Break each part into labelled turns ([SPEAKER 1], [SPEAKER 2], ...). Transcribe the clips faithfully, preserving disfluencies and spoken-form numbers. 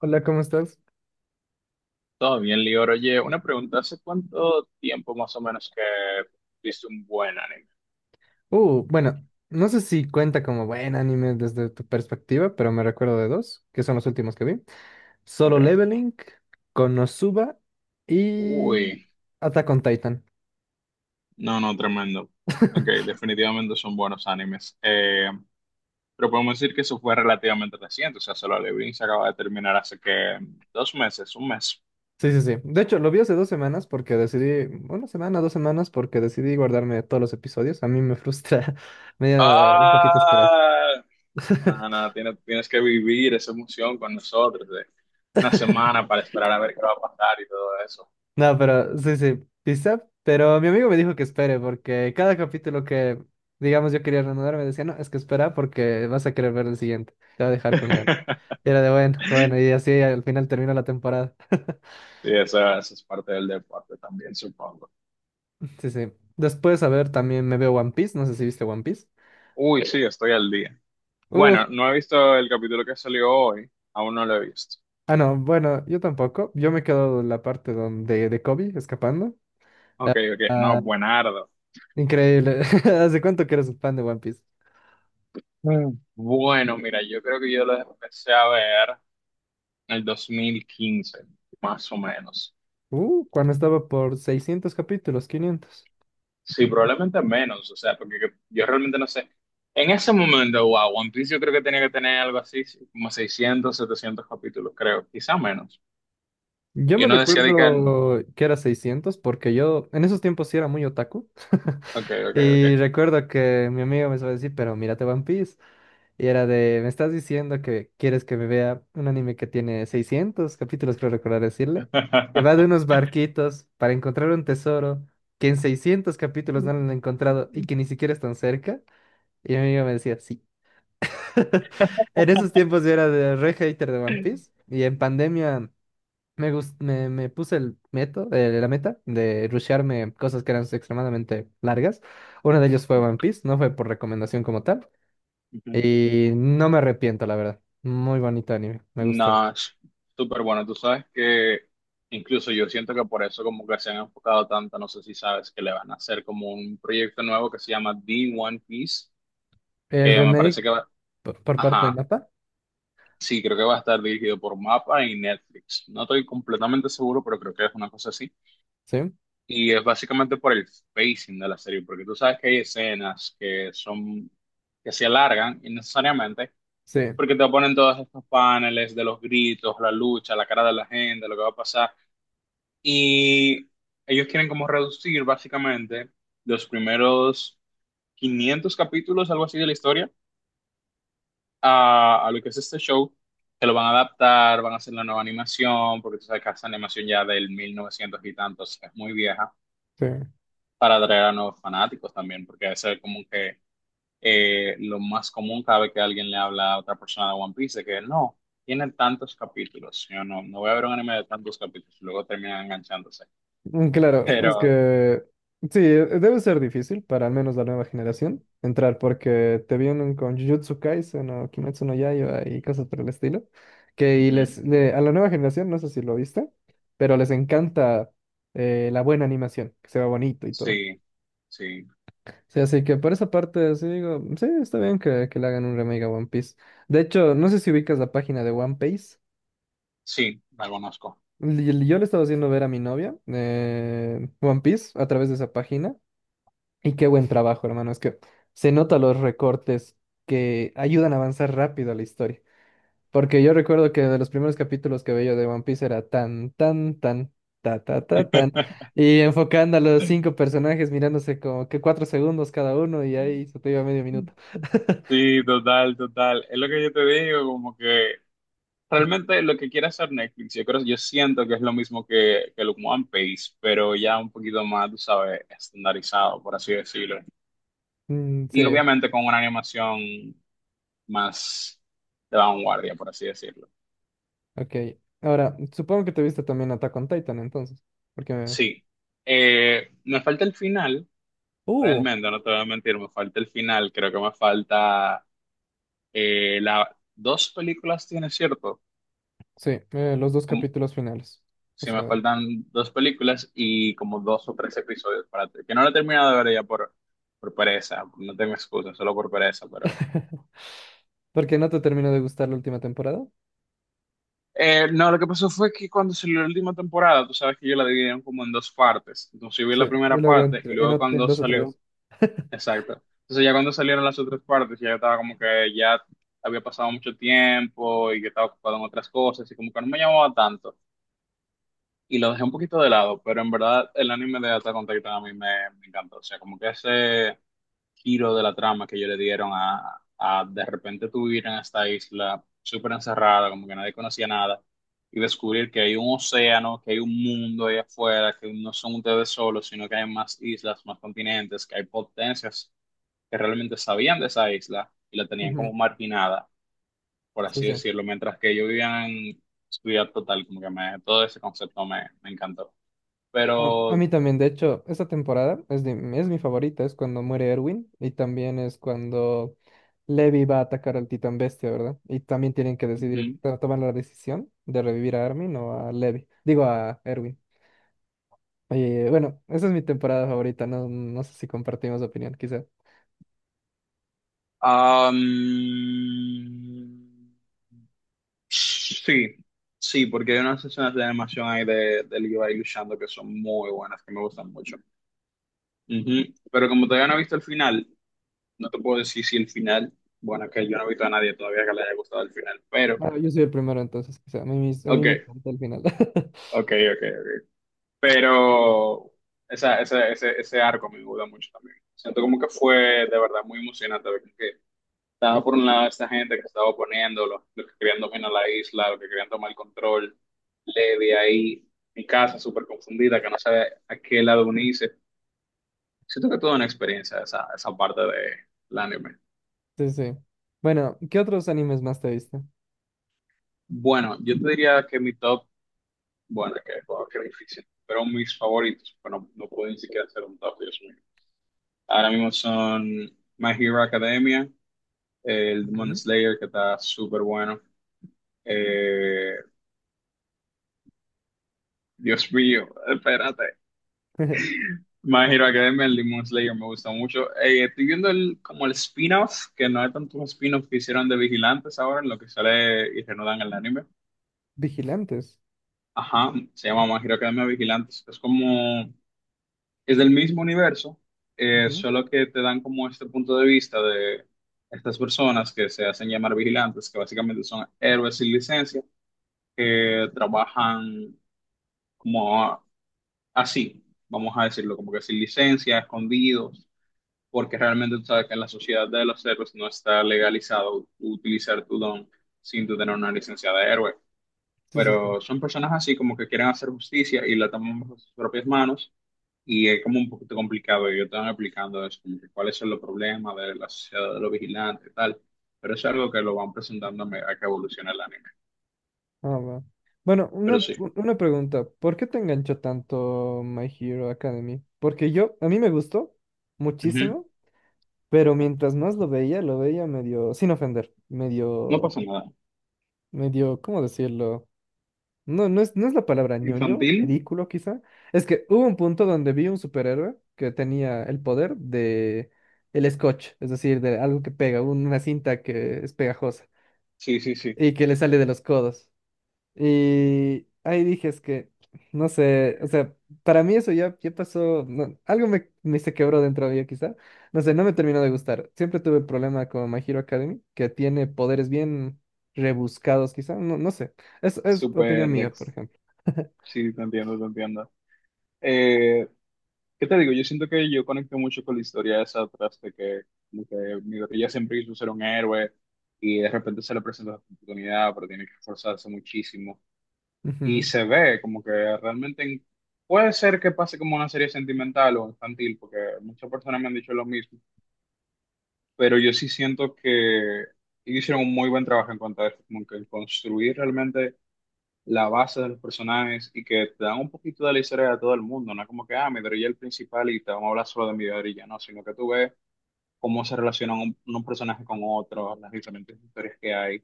[SPEAKER 1] Hola, ¿cómo estás?
[SPEAKER 2] Todo bien, Lior. Oye, una pregunta. ¿Hace cuánto tiempo más o menos que viste un buen anime?
[SPEAKER 1] Uh, bueno, no sé si cuenta como buen anime desde tu perspectiva, pero me recuerdo de dos, que son los últimos que vi.
[SPEAKER 2] Ok.
[SPEAKER 1] Solo Leveling, Konosuba
[SPEAKER 2] Uy,
[SPEAKER 1] y Attack on Titan.
[SPEAKER 2] no, no, tremendo. Ok, definitivamente son buenos animes. Eh, pero podemos decir que eso fue relativamente reciente. O sea, Solo Leveling se acaba de terminar hace que dos meses, un mes.
[SPEAKER 1] Sí, sí, sí. De hecho, lo vi hace dos semanas porque decidí, una semana, dos semanas, porque decidí guardarme todos los episodios. A mí me frustra, me da un poquito esperar.
[SPEAKER 2] Ah, nada, nada, tienes, tienes que vivir esa emoción con nosotros de una semana para esperar a ver qué va a pasar y todo eso.
[SPEAKER 1] No, pero sí, sí, pizza. Pero mi amigo me dijo que espere, porque cada capítulo que, digamos, yo quería reanudar, me decía, no, es que espera porque vas a querer ver el siguiente. Te va a dejar con ganas. Y era de bueno, bueno, y así al final termina la temporada.
[SPEAKER 2] Sí, esa, esa es parte del deporte también, supongo.
[SPEAKER 1] Sí, sí. Después, a ver, también me veo One Piece. No sé si viste One Piece.
[SPEAKER 2] Uy, sí, estoy al día.
[SPEAKER 1] Uf.
[SPEAKER 2] Bueno, no he visto el capítulo que salió hoy, aún no lo he visto.
[SPEAKER 1] Ah, no, bueno, yo tampoco. Yo me quedo en la parte donde de Kobe escapando. Ah,
[SPEAKER 2] Ok, ok, no,
[SPEAKER 1] ah,
[SPEAKER 2] buenardo.
[SPEAKER 1] increíble. ¿Hace cuánto que eres un fan de One Piece?
[SPEAKER 2] Mm. Bueno, mira, yo creo que yo lo empecé a ver en el dos mil quince, más o menos.
[SPEAKER 1] Uh, cuando estaba por seiscientos capítulos, quinientos.
[SPEAKER 2] Sí, probablemente menos, o sea, porque yo, yo realmente no sé. En ese momento, wow, One Piece yo creo que tenía que tener algo así, sí, como seiscientos, setecientos capítulos, creo, quizá menos.
[SPEAKER 1] Yo
[SPEAKER 2] Y
[SPEAKER 1] me
[SPEAKER 2] uno decía de que,
[SPEAKER 1] recuerdo que era seiscientos porque yo en esos tiempos sí era muy otaku.
[SPEAKER 2] ok,
[SPEAKER 1] Y
[SPEAKER 2] ok,
[SPEAKER 1] recuerdo que mi amigo me suele decir, pero mírate One Piece. Y era de, me estás diciendo que quieres que me vea un anime que tiene seiscientos capítulos, creo recordar decirle, que va de unos barquitos para encontrar un tesoro que en seiscientos capítulos no
[SPEAKER 2] ok.
[SPEAKER 1] lo han encontrado y que ni siquiera están cerca. Y mi amigo me decía, sí. En esos tiempos yo era de re hater de One Piece. Y en pandemia. Me, gus- me, me puse el meto, eh, la meta de rushearme cosas que eran extremadamente largas. Uno de ellos fue One Piece, no fue por recomendación como tal. Y no me arrepiento, la verdad. Muy bonito anime, me gustó.
[SPEAKER 2] No, es súper bueno. Tú sabes que incluso yo siento que por eso como que se han enfocado tanto, no sé si sabes, que le van a hacer como un proyecto nuevo que se llama The One Piece,
[SPEAKER 1] El
[SPEAKER 2] que me
[SPEAKER 1] remake
[SPEAKER 2] parece que va,
[SPEAKER 1] por, por parte de
[SPEAKER 2] ajá,
[SPEAKER 1] Mapa,
[SPEAKER 2] sí, creo que va a estar dirigido por MAPPA y Netflix. No estoy completamente seguro, pero creo que es una cosa así.
[SPEAKER 1] sí,
[SPEAKER 2] Y es básicamente por el pacing de la serie, porque tú sabes que hay escenas que son, que se alargan innecesariamente,
[SPEAKER 1] sí,
[SPEAKER 2] porque te ponen todos estos paneles de los gritos, la lucha, la cara de la gente, lo que va a pasar. Y ellos quieren como reducir básicamente los primeros quinientos capítulos, algo así de la historia, a, a lo que es este show, que lo van a adaptar, van a hacer la nueva animación, porque tú sabes que esa animación ya del mil novecientos y tantos es muy vieja,
[SPEAKER 1] sí.
[SPEAKER 2] para atraer a nuevos fanáticos también, porque eso es como que eh, lo más común cada vez que alguien le habla a otra persona de One Piece, es que no, tiene tantos capítulos, yo no, no voy a ver un anime de tantos capítulos, y luego terminan enganchándose,
[SPEAKER 1] Mm, claro, es
[SPEAKER 2] pero...
[SPEAKER 1] que sí, eh, debe ser difícil para al menos la nueva generación entrar porque te vienen con Jujutsu Kaisen o Kimetsu no Yaiba y cosas por el estilo, que y les
[SPEAKER 2] ujú.
[SPEAKER 1] le- a la nueva generación, no sé si lo viste, pero les encanta eh, la buena animación, que se ve bonito y todo.
[SPEAKER 2] Sí, sí,
[SPEAKER 1] Sí, así que por esa parte sí digo, sí, está bien que, que le hagan un remake a One Piece. De hecho, no sé si ubicas la página de One Piece.
[SPEAKER 2] sí, la conozco.
[SPEAKER 1] Li- Yo le estaba haciendo ver a mi novia eh, One Piece a través de esa página. Y qué buen trabajo, hermano. Es que se notan los recortes que ayudan a avanzar rápido a la historia. Porque yo recuerdo que de los primeros capítulos que veía de One Piece era tan, tan, tan, ta, ta, ta, tan. Y enfocando a los cinco personajes, mirándose como que cuatro segundos cada uno y ahí se te iba medio minuto.
[SPEAKER 2] Sí, total, total. Es lo que yo te digo, como que realmente lo que quiere hacer Netflix, yo creo, yo siento que es lo mismo que, que el One Piece, pero ya un poquito más, tú sabes, estandarizado, por así decirlo.
[SPEAKER 1] Mm,
[SPEAKER 2] Y
[SPEAKER 1] sí,
[SPEAKER 2] obviamente con una animación más de vanguardia, por así decirlo.
[SPEAKER 1] ok. Ahora, supongo que te viste también Attack on Titan entonces. Porque me...
[SPEAKER 2] Sí. Eh, me falta el final,
[SPEAKER 1] Uh,
[SPEAKER 2] realmente, no te voy a mentir, me falta el final, creo que me falta Eh, la, dos películas tiene, ¿cierto?
[SPEAKER 1] sí, eh, los dos
[SPEAKER 2] Como,
[SPEAKER 1] capítulos finales. O
[SPEAKER 2] si me
[SPEAKER 1] sea,
[SPEAKER 2] faltan dos películas y como dos o tres episodios para te- que no la he terminado de ver ya por, por pereza, no tengo excusa, solo por pereza, pero...
[SPEAKER 1] porque no te terminó de gustar la última temporada.
[SPEAKER 2] Eh, no, lo que pasó fue que cuando salió la última temporada, tú sabes que yo la dividieron como en dos partes. Entonces yo vi
[SPEAKER 1] Sí,
[SPEAKER 2] la
[SPEAKER 1] y
[SPEAKER 2] primera
[SPEAKER 1] luego en,
[SPEAKER 2] parte
[SPEAKER 1] tre-
[SPEAKER 2] y
[SPEAKER 1] en,
[SPEAKER 2] luego
[SPEAKER 1] ot- en
[SPEAKER 2] cuando
[SPEAKER 1] dos o
[SPEAKER 2] salió,
[SPEAKER 1] tres.
[SPEAKER 2] exacto. Entonces ya cuando salieron las otras partes, ya estaba como que ya había pasado mucho tiempo y que estaba ocupado en otras cosas y como que no me llamaba tanto. Y lo dejé un poquito de lado, pero en verdad el anime de Attack on Titan a mí me, me encantó. O sea, como que ese giro de la trama que ellos le dieron a, a de repente tú ir en esta isla súper encerrada, como que nadie conocía nada, y descubrir que hay un océano, que hay un mundo ahí afuera, que no son ustedes solos, sino que hay más islas, más continentes, que hay potencias que realmente sabían de esa isla y la tenían
[SPEAKER 1] Ujú.
[SPEAKER 2] como marginada, por
[SPEAKER 1] Sí,
[SPEAKER 2] así
[SPEAKER 1] sí.
[SPEAKER 2] decirlo, mientras que ellos vivían en... su vida total, como que me, todo ese concepto me, me encantó
[SPEAKER 1] A, a
[SPEAKER 2] pero
[SPEAKER 1] mí también, de hecho, esta temporada es, de, es mi favorita, es cuando muere Erwin y también es cuando Levi va a atacar al Titán Bestia, ¿verdad? Y también tienen que decidir,
[SPEAKER 2] ujú.
[SPEAKER 1] to- tomar la decisión de revivir a Armin o a Levi, digo a Erwin. Oye, bueno, esa es mi temporada favorita, no, no sé si compartimos opinión, quizá.
[SPEAKER 2] Am, sí, sí, porque hay unas escenas de animación ahí de, de Levi luchando que son muy buenas, que me gustan mucho. Ujú. Pero como todavía no he visto el final, no te puedo decir si el final, bueno, que yo no he visto a nadie todavía que le haya gustado el final, pero,
[SPEAKER 1] Ah, yo soy el primero entonces, quizá. A mí, mis- a mí
[SPEAKER 2] ok,
[SPEAKER 1] me encanta el final.
[SPEAKER 2] ok, ok, ok. Pero esa, ese, ese, ese arco me gusta mucho también. Siento como que fue de verdad muy emocionante. Estaba por un lado esta gente que estaba oponiendo, los, los que querían dominar la isla, los que querían tomar el control. Levi ahí, mi casa súper confundida, que no sabe a qué lado unirse. Siento que toda una experiencia esa, esa parte del anime.
[SPEAKER 1] Sí, sí. Bueno, ¿qué otros animes más te viste?
[SPEAKER 2] Bueno, yo te diría que mi top, bueno, que, wow, qué difícil, pero mis favoritos, bueno, no puedo ni siquiera hacer un top, Dios mío. Ahora mismo son My Hero Academia, el Demon
[SPEAKER 1] Ujú.
[SPEAKER 2] Slayer, que está súper bueno. Eh, Dios mío, espérate. Hero Academia, el Demon Slayer me gusta mucho. Eh, estoy viendo el, como el spin-off, que no hay tantos spin-offs que hicieron de Vigilantes ahora, en lo que sale y reanudan el anime.
[SPEAKER 1] Vigilantes.
[SPEAKER 2] Ajá, se llama My Hero Academia Vigilantes. Es como, es del mismo universo, eh,
[SPEAKER 1] Ujú.
[SPEAKER 2] solo que te dan como este punto de vista de estas personas que se hacen llamar vigilantes, que básicamente son héroes sin licencia, que trabajan como así, vamos a decirlo, como que sin licencia, escondidos porque realmente tú sabes que en la sociedad de los héroes no está legalizado utilizar tu don sin tú tener una licencia de héroe.
[SPEAKER 1] Sí, sí, sí.
[SPEAKER 2] Pero son personas así como que quieren hacer justicia y la toman bajo sus propias manos y es como un poquito complicado. Y yo estaba explicando eso, como que cuáles son los problemas de la sociedad de los vigilantes y tal. Pero es algo que lo van presentando a me- a que evoluciona el anime.
[SPEAKER 1] Ah, va. Bueno,
[SPEAKER 2] Pero
[SPEAKER 1] una,
[SPEAKER 2] sí,
[SPEAKER 1] una pregunta. ¿Por qué te enganchó tanto My Hero Academy? Porque yo, a mí me gustó
[SPEAKER 2] ujú.
[SPEAKER 1] muchísimo, pero mientras más lo veía, lo veía medio, sin ofender,
[SPEAKER 2] No
[SPEAKER 1] medio,
[SPEAKER 2] pasa nada.
[SPEAKER 1] medio, ¿cómo decirlo? No, no es, no es la palabra ñoño,
[SPEAKER 2] Infantil,
[SPEAKER 1] ridículo quizá. Es que hubo un punto donde vi un superhéroe que tenía el poder de el scotch, es decir, de algo que pega, un- una cinta que es pegajosa
[SPEAKER 2] sí, sí, sí.
[SPEAKER 1] y que le sale de los codos. Y ahí dije, es que, no sé, o sea, para mí eso ya, ya pasó, no- algo me, me se quebró dentro de mí quizá, no sé, no me terminó de gustar. Siempre tuve problema con My Hero Academy, que tiene poderes bien rebuscados quizá, no, no sé, es, es opinión
[SPEAKER 2] Súper,
[SPEAKER 1] mía, por
[SPEAKER 2] dex-
[SPEAKER 1] ejemplo.
[SPEAKER 2] sí, te entiendo, te entiendo. Eh, ¿Qué te digo? Yo siento que yo conecto mucho con la historia esa atrás de que, como que Midoriya siempre quiso ser un héroe y de repente se le presenta la oportunidad, pero tiene que esforzarse muchísimo. Y
[SPEAKER 1] Ujú,
[SPEAKER 2] se ve como que realmente en- puede ser que pase como una serie sentimental o infantil, porque muchas personas me han dicho lo mismo, pero yo sí siento que ellos hicieron un muy buen trabajo en cuanto a eso, como que construir realmente la base de los personajes y que te dan un poquito de la historia de todo el mundo. No es como que, ah, Midoriya es el principal y te vamos a hablar solo de Midoriya, no, sino que tú ves cómo se relacionan un, un personaje con otro, las diferentes historias que hay,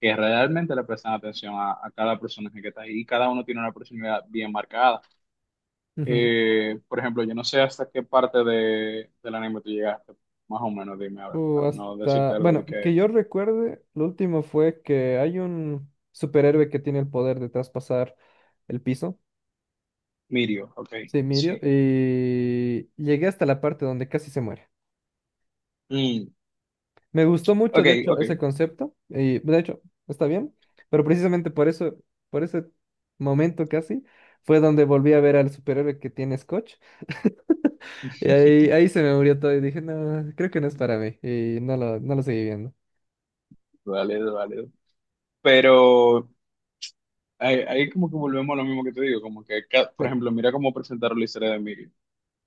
[SPEAKER 2] que realmente le prestan atención a, a cada personaje que está ahí y cada uno tiene una personalidad bien marcada.
[SPEAKER 1] ujú.
[SPEAKER 2] Eh, por ejemplo, yo no sé hasta qué parte de, del anime tú llegaste, más o menos, dime, a ver,
[SPEAKER 1] O
[SPEAKER 2] para no decirte
[SPEAKER 1] hasta,
[SPEAKER 2] algo de
[SPEAKER 1] bueno, que
[SPEAKER 2] que
[SPEAKER 1] yo recuerde, lo último fue que hay un superhéroe que tiene el poder de traspasar el piso,
[SPEAKER 2] Mirio, ok,
[SPEAKER 1] sí, Mirio,
[SPEAKER 2] sí.
[SPEAKER 1] y llegué hasta la parte donde casi se muere.
[SPEAKER 2] Mm,
[SPEAKER 1] Me gustó mucho,
[SPEAKER 2] ok,
[SPEAKER 1] de hecho,
[SPEAKER 2] ok.
[SPEAKER 1] ese concepto, y de hecho, está bien, pero precisamente por eso, por ese momento casi, fue donde volví a ver al superhéroe que tiene Scotch, y ahí, ahí se me murió todo y dije, no, creo que no es para mí, y no lo, no lo seguí viendo.
[SPEAKER 2] Vale, vale, pero ahí, ahí como que volvemos a lo mismo que te digo, como que, ca-
[SPEAKER 1] Sí,
[SPEAKER 2] por ejemplo, mira cómo presentaron la historia de Emilio.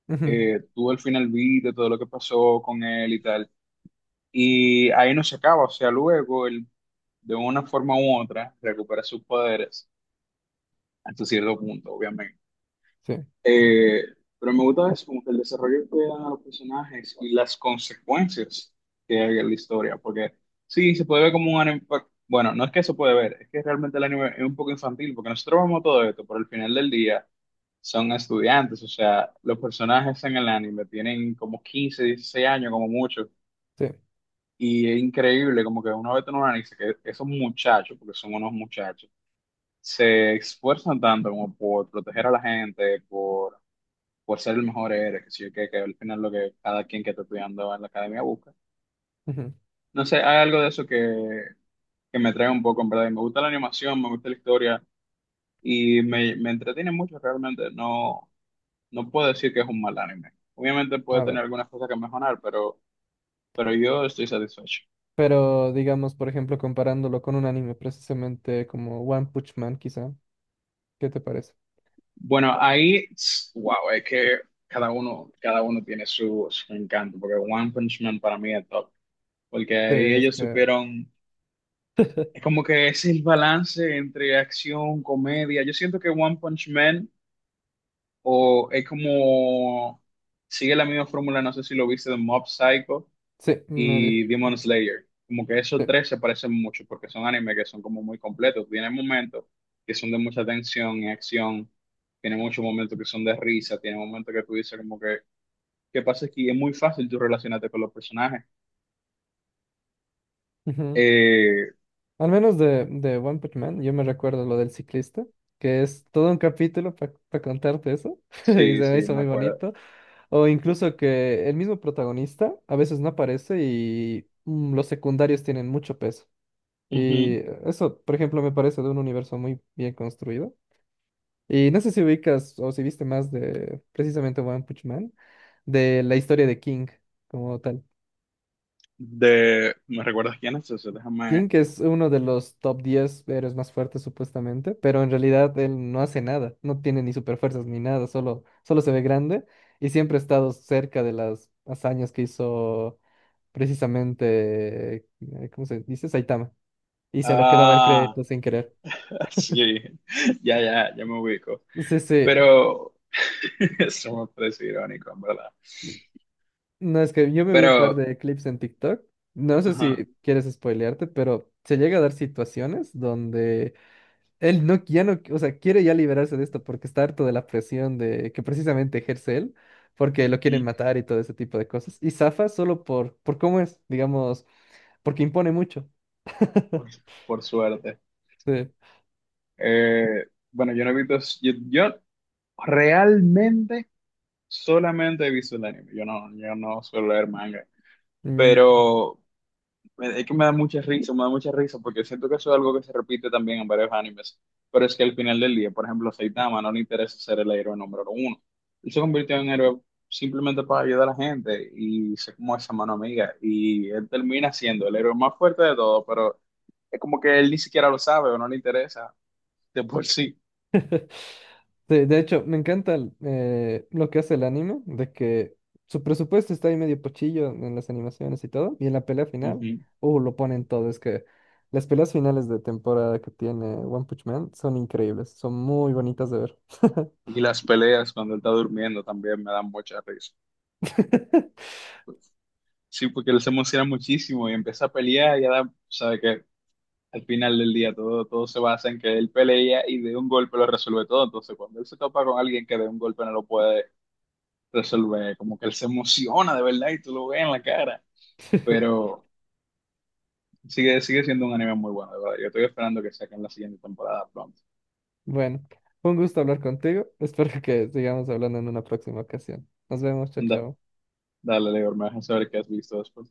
[SPEAKER 1] ujú,
[SPEAKER 2] Eh, tú al final viste todo lo que pasó con él y tal, y ahí no se acaba, o sea, luego él de una forma u otra recupera sus poderes hasta cierto punto, obviamente.
[SPEAKER 1] sí,
[SPEAKER 2] Eh, pero me gusta eso, como que el desarrollo que dan a los personajes y las consecuencias que hay en la historia, porque sí, se puede ver como un anime, pa- bueno, no es que se puede ver, es que realmente el anime es un poco infantil, porque nosotros vemos todo esto, pero al final del día son estudiantes, o sea, los personajes en el anime tienen como quince dieciséis años como mucho,
[SPEAKER 1] sí,
[SPEAKER 2] y es increíble como que uno ve en un anime que esos muchachos, porque son unos muchachos, se esfuerzan tanto como por proteger a la gente, por por ser el mejor eres, que, sí que que al final lo que cada quien que está estudiando en la academia busca.
[SPEAKER 1] ujú.
[SPEAKER 2] No sé, hay algo de eso que, que me trae un poco, en verdad. Y me gusta la animación, me gusta la historia y me, me entretiene mucho realmente. No, no puedo decir que es un mal anime. Obviamente puede
[SPEAKER 1] A ver,
[SPEAKER 2] tener algunas cosas que mejorar, pero, pero yo estoy satisfecho.
[SPEAKER 1] pero digamos, por ejemplo, comparándolo con un anime, precisamente como One Punch Man, quizá, ¿qué te parece?
[SPEAKER 2] Bueno, ahí, tss, wow, es que cada uno, cada uno tiene su, su encanto, porque One Punch Man para mí es top, porque
[SPEAKER 1] Sí,
[SPEAKER 2] ahí
[SPEAKER 1] es
[SPEAKER 2] ellos
[SPEAKER 1] que-
[SPEAKER 2] supieron Es como que es el balance entre acción, comedia. Yo siento que One Punch Man o es como sigue la misma fórmula, no sé si lo viste de Mob Psycho
[SPEAKER 1] sí, me vi,
[SPEAKER 2] y Demon Slayer. Como que esos tres se parecen mucho porque son animes que son como muy completos. Tienen momentos que son de mucha tensión y acción. Tienen muchos momentos que son de risa. Tienen momentos que tú dices como que, ¿qué pasa aquí? Es muy fácil tú relacionarte con los personajes.
[SPEAKER 1] sí.
[SPEAKER 2] Eh,
[SPEAKER 1] Al menos de, de One Punch Man, yo me recuerdo lo del ciclista, que es todo un capítulo para contarte eso, y se
[SPEAKER 2] sí,
[SPEAKER 1] me
[SPEAKER 2] sí,
[SPEAKER 1] hizo
[SPEAKER 2] me
[SPEAKER 1] muy
[SPEAKER 2] acuerdo.
[SPEAKER 1] bonito. O incluso que el mismo protagonista a veces no aparece y mm, los secundarios tienen mucho peso. Y
[SPEAKER 2] Ujú.
[SPEAKER 1] eh, eso, por ejemplo, me parece de un universo muy bien construido. Y no sé si ubicas o si viste más de precisamente One Punch Man, de la historia de King como tal.
[SPEAKER 2] De... ¿Me recuerdas quién es ese? Déjame...
[SPEAKER 1] King, que es uno de los top diez héroes más fuertes supuestamente, pero en realidad él no hace nada, no tiene ni superfuerzas ni nada, solo, solo se ve grande y siempre ha estado cerca de las hazañas que hizo precisamente, eh, ¿cómo se dice? Saitama. Y se lo quedaba el
[SPEAKER 2] Ah,
[SPEAKER 1] crédito sin querer.
[SPEAKER 2] sí, ya, ya, ya me ubico.
[SPEAKER 1] Sí, sí,
[SPEAKER 2] Pero... Eso me parece irónico, en verdad.
[SPEAKER 1] no es que yo me vi un par
[SPEAKER 2] Pero...
[SPEAKER 1] de clips en TikTok, no sé
[SPEAKER 2] Ajá,
[SPEAKER 1] si quieres spoilearte, pero se llega a dar situaciones donde él no, ya no, o sea, quiere ya liberarse de esto porque está harto de la presión de que precisamente ejerce él, porque lo quieren
[SPEAKER 2] ujú,
[SPEAKER 1] matar y todo ese tipo de cosas. Y zafa solo por, por cómo es, digamos, porque impone mucho.
[SPEAKER 2] por, por suerte.
[SPEAKER 1] Sí.
[SPEAKER 2] Eh, bueno, yo no he visto... Yo, yo realmente solamente he visto el anime. Yo no, yo no suelo leer manga.
[SPEAKER 1] Mm,
[SPEAKER 2] Pero... Me- es que me da mucha risa, me da mucha risa, porque siento que eso es algo que se repite también en varios animes. Pero es que al final del día, por ejemplo, a Saitama no le interesa ser el héroe número uno. Él se convirtió en héroe simplemente para ayudar a la gente y ser como esa mano amiga. Y él termina siendo el héroe más fuerte de todos, pero es como que él ni siquiera lo sabe o no le interesa de por sí.
[SPEAKER 1] sí, de hecho, me encanta el, eh, lo que hace el anime, de que su presupuesto está ahí medio pochillo en las animaciones y todo, y en la pelea final,
[SPEAKER 2] Ujú.
[SPEAKER 1] uh, lo ponen todo, es que las peleas finales de temporada que tiene One Punch Man son increíbles, son muy bonitas de ver.
[SPEAKER 2] Y las peleas cuando él está durmiendo también me dan mucha risa. Sí, porque él se emociona muchísimo y empieza a pelear y ya da, al final del día todo, todo se basa en que él pelea y de un golpe lo resuelve todo. Entonces, cuando él se topa con alguien que de un golpe no lo puede resolver, como que él se emociona de verdad y tú lo ves en la cara. Pero sigue, sigue siendo un anime muy bueno, de verdad. Yo estoy esperando que saquen la siguiente temporada pronto.
[SPEAKER 1] Bueno, fue un gusto hablar contigo. Espero que sigamos hablando en una próxima ocasión. Nos vemos, chao,
[SPEAKER 2] Da-
[SPEAKER 1] chao.
[SPEAKER 2] dale, Leo, me dejas saber qué has visto después.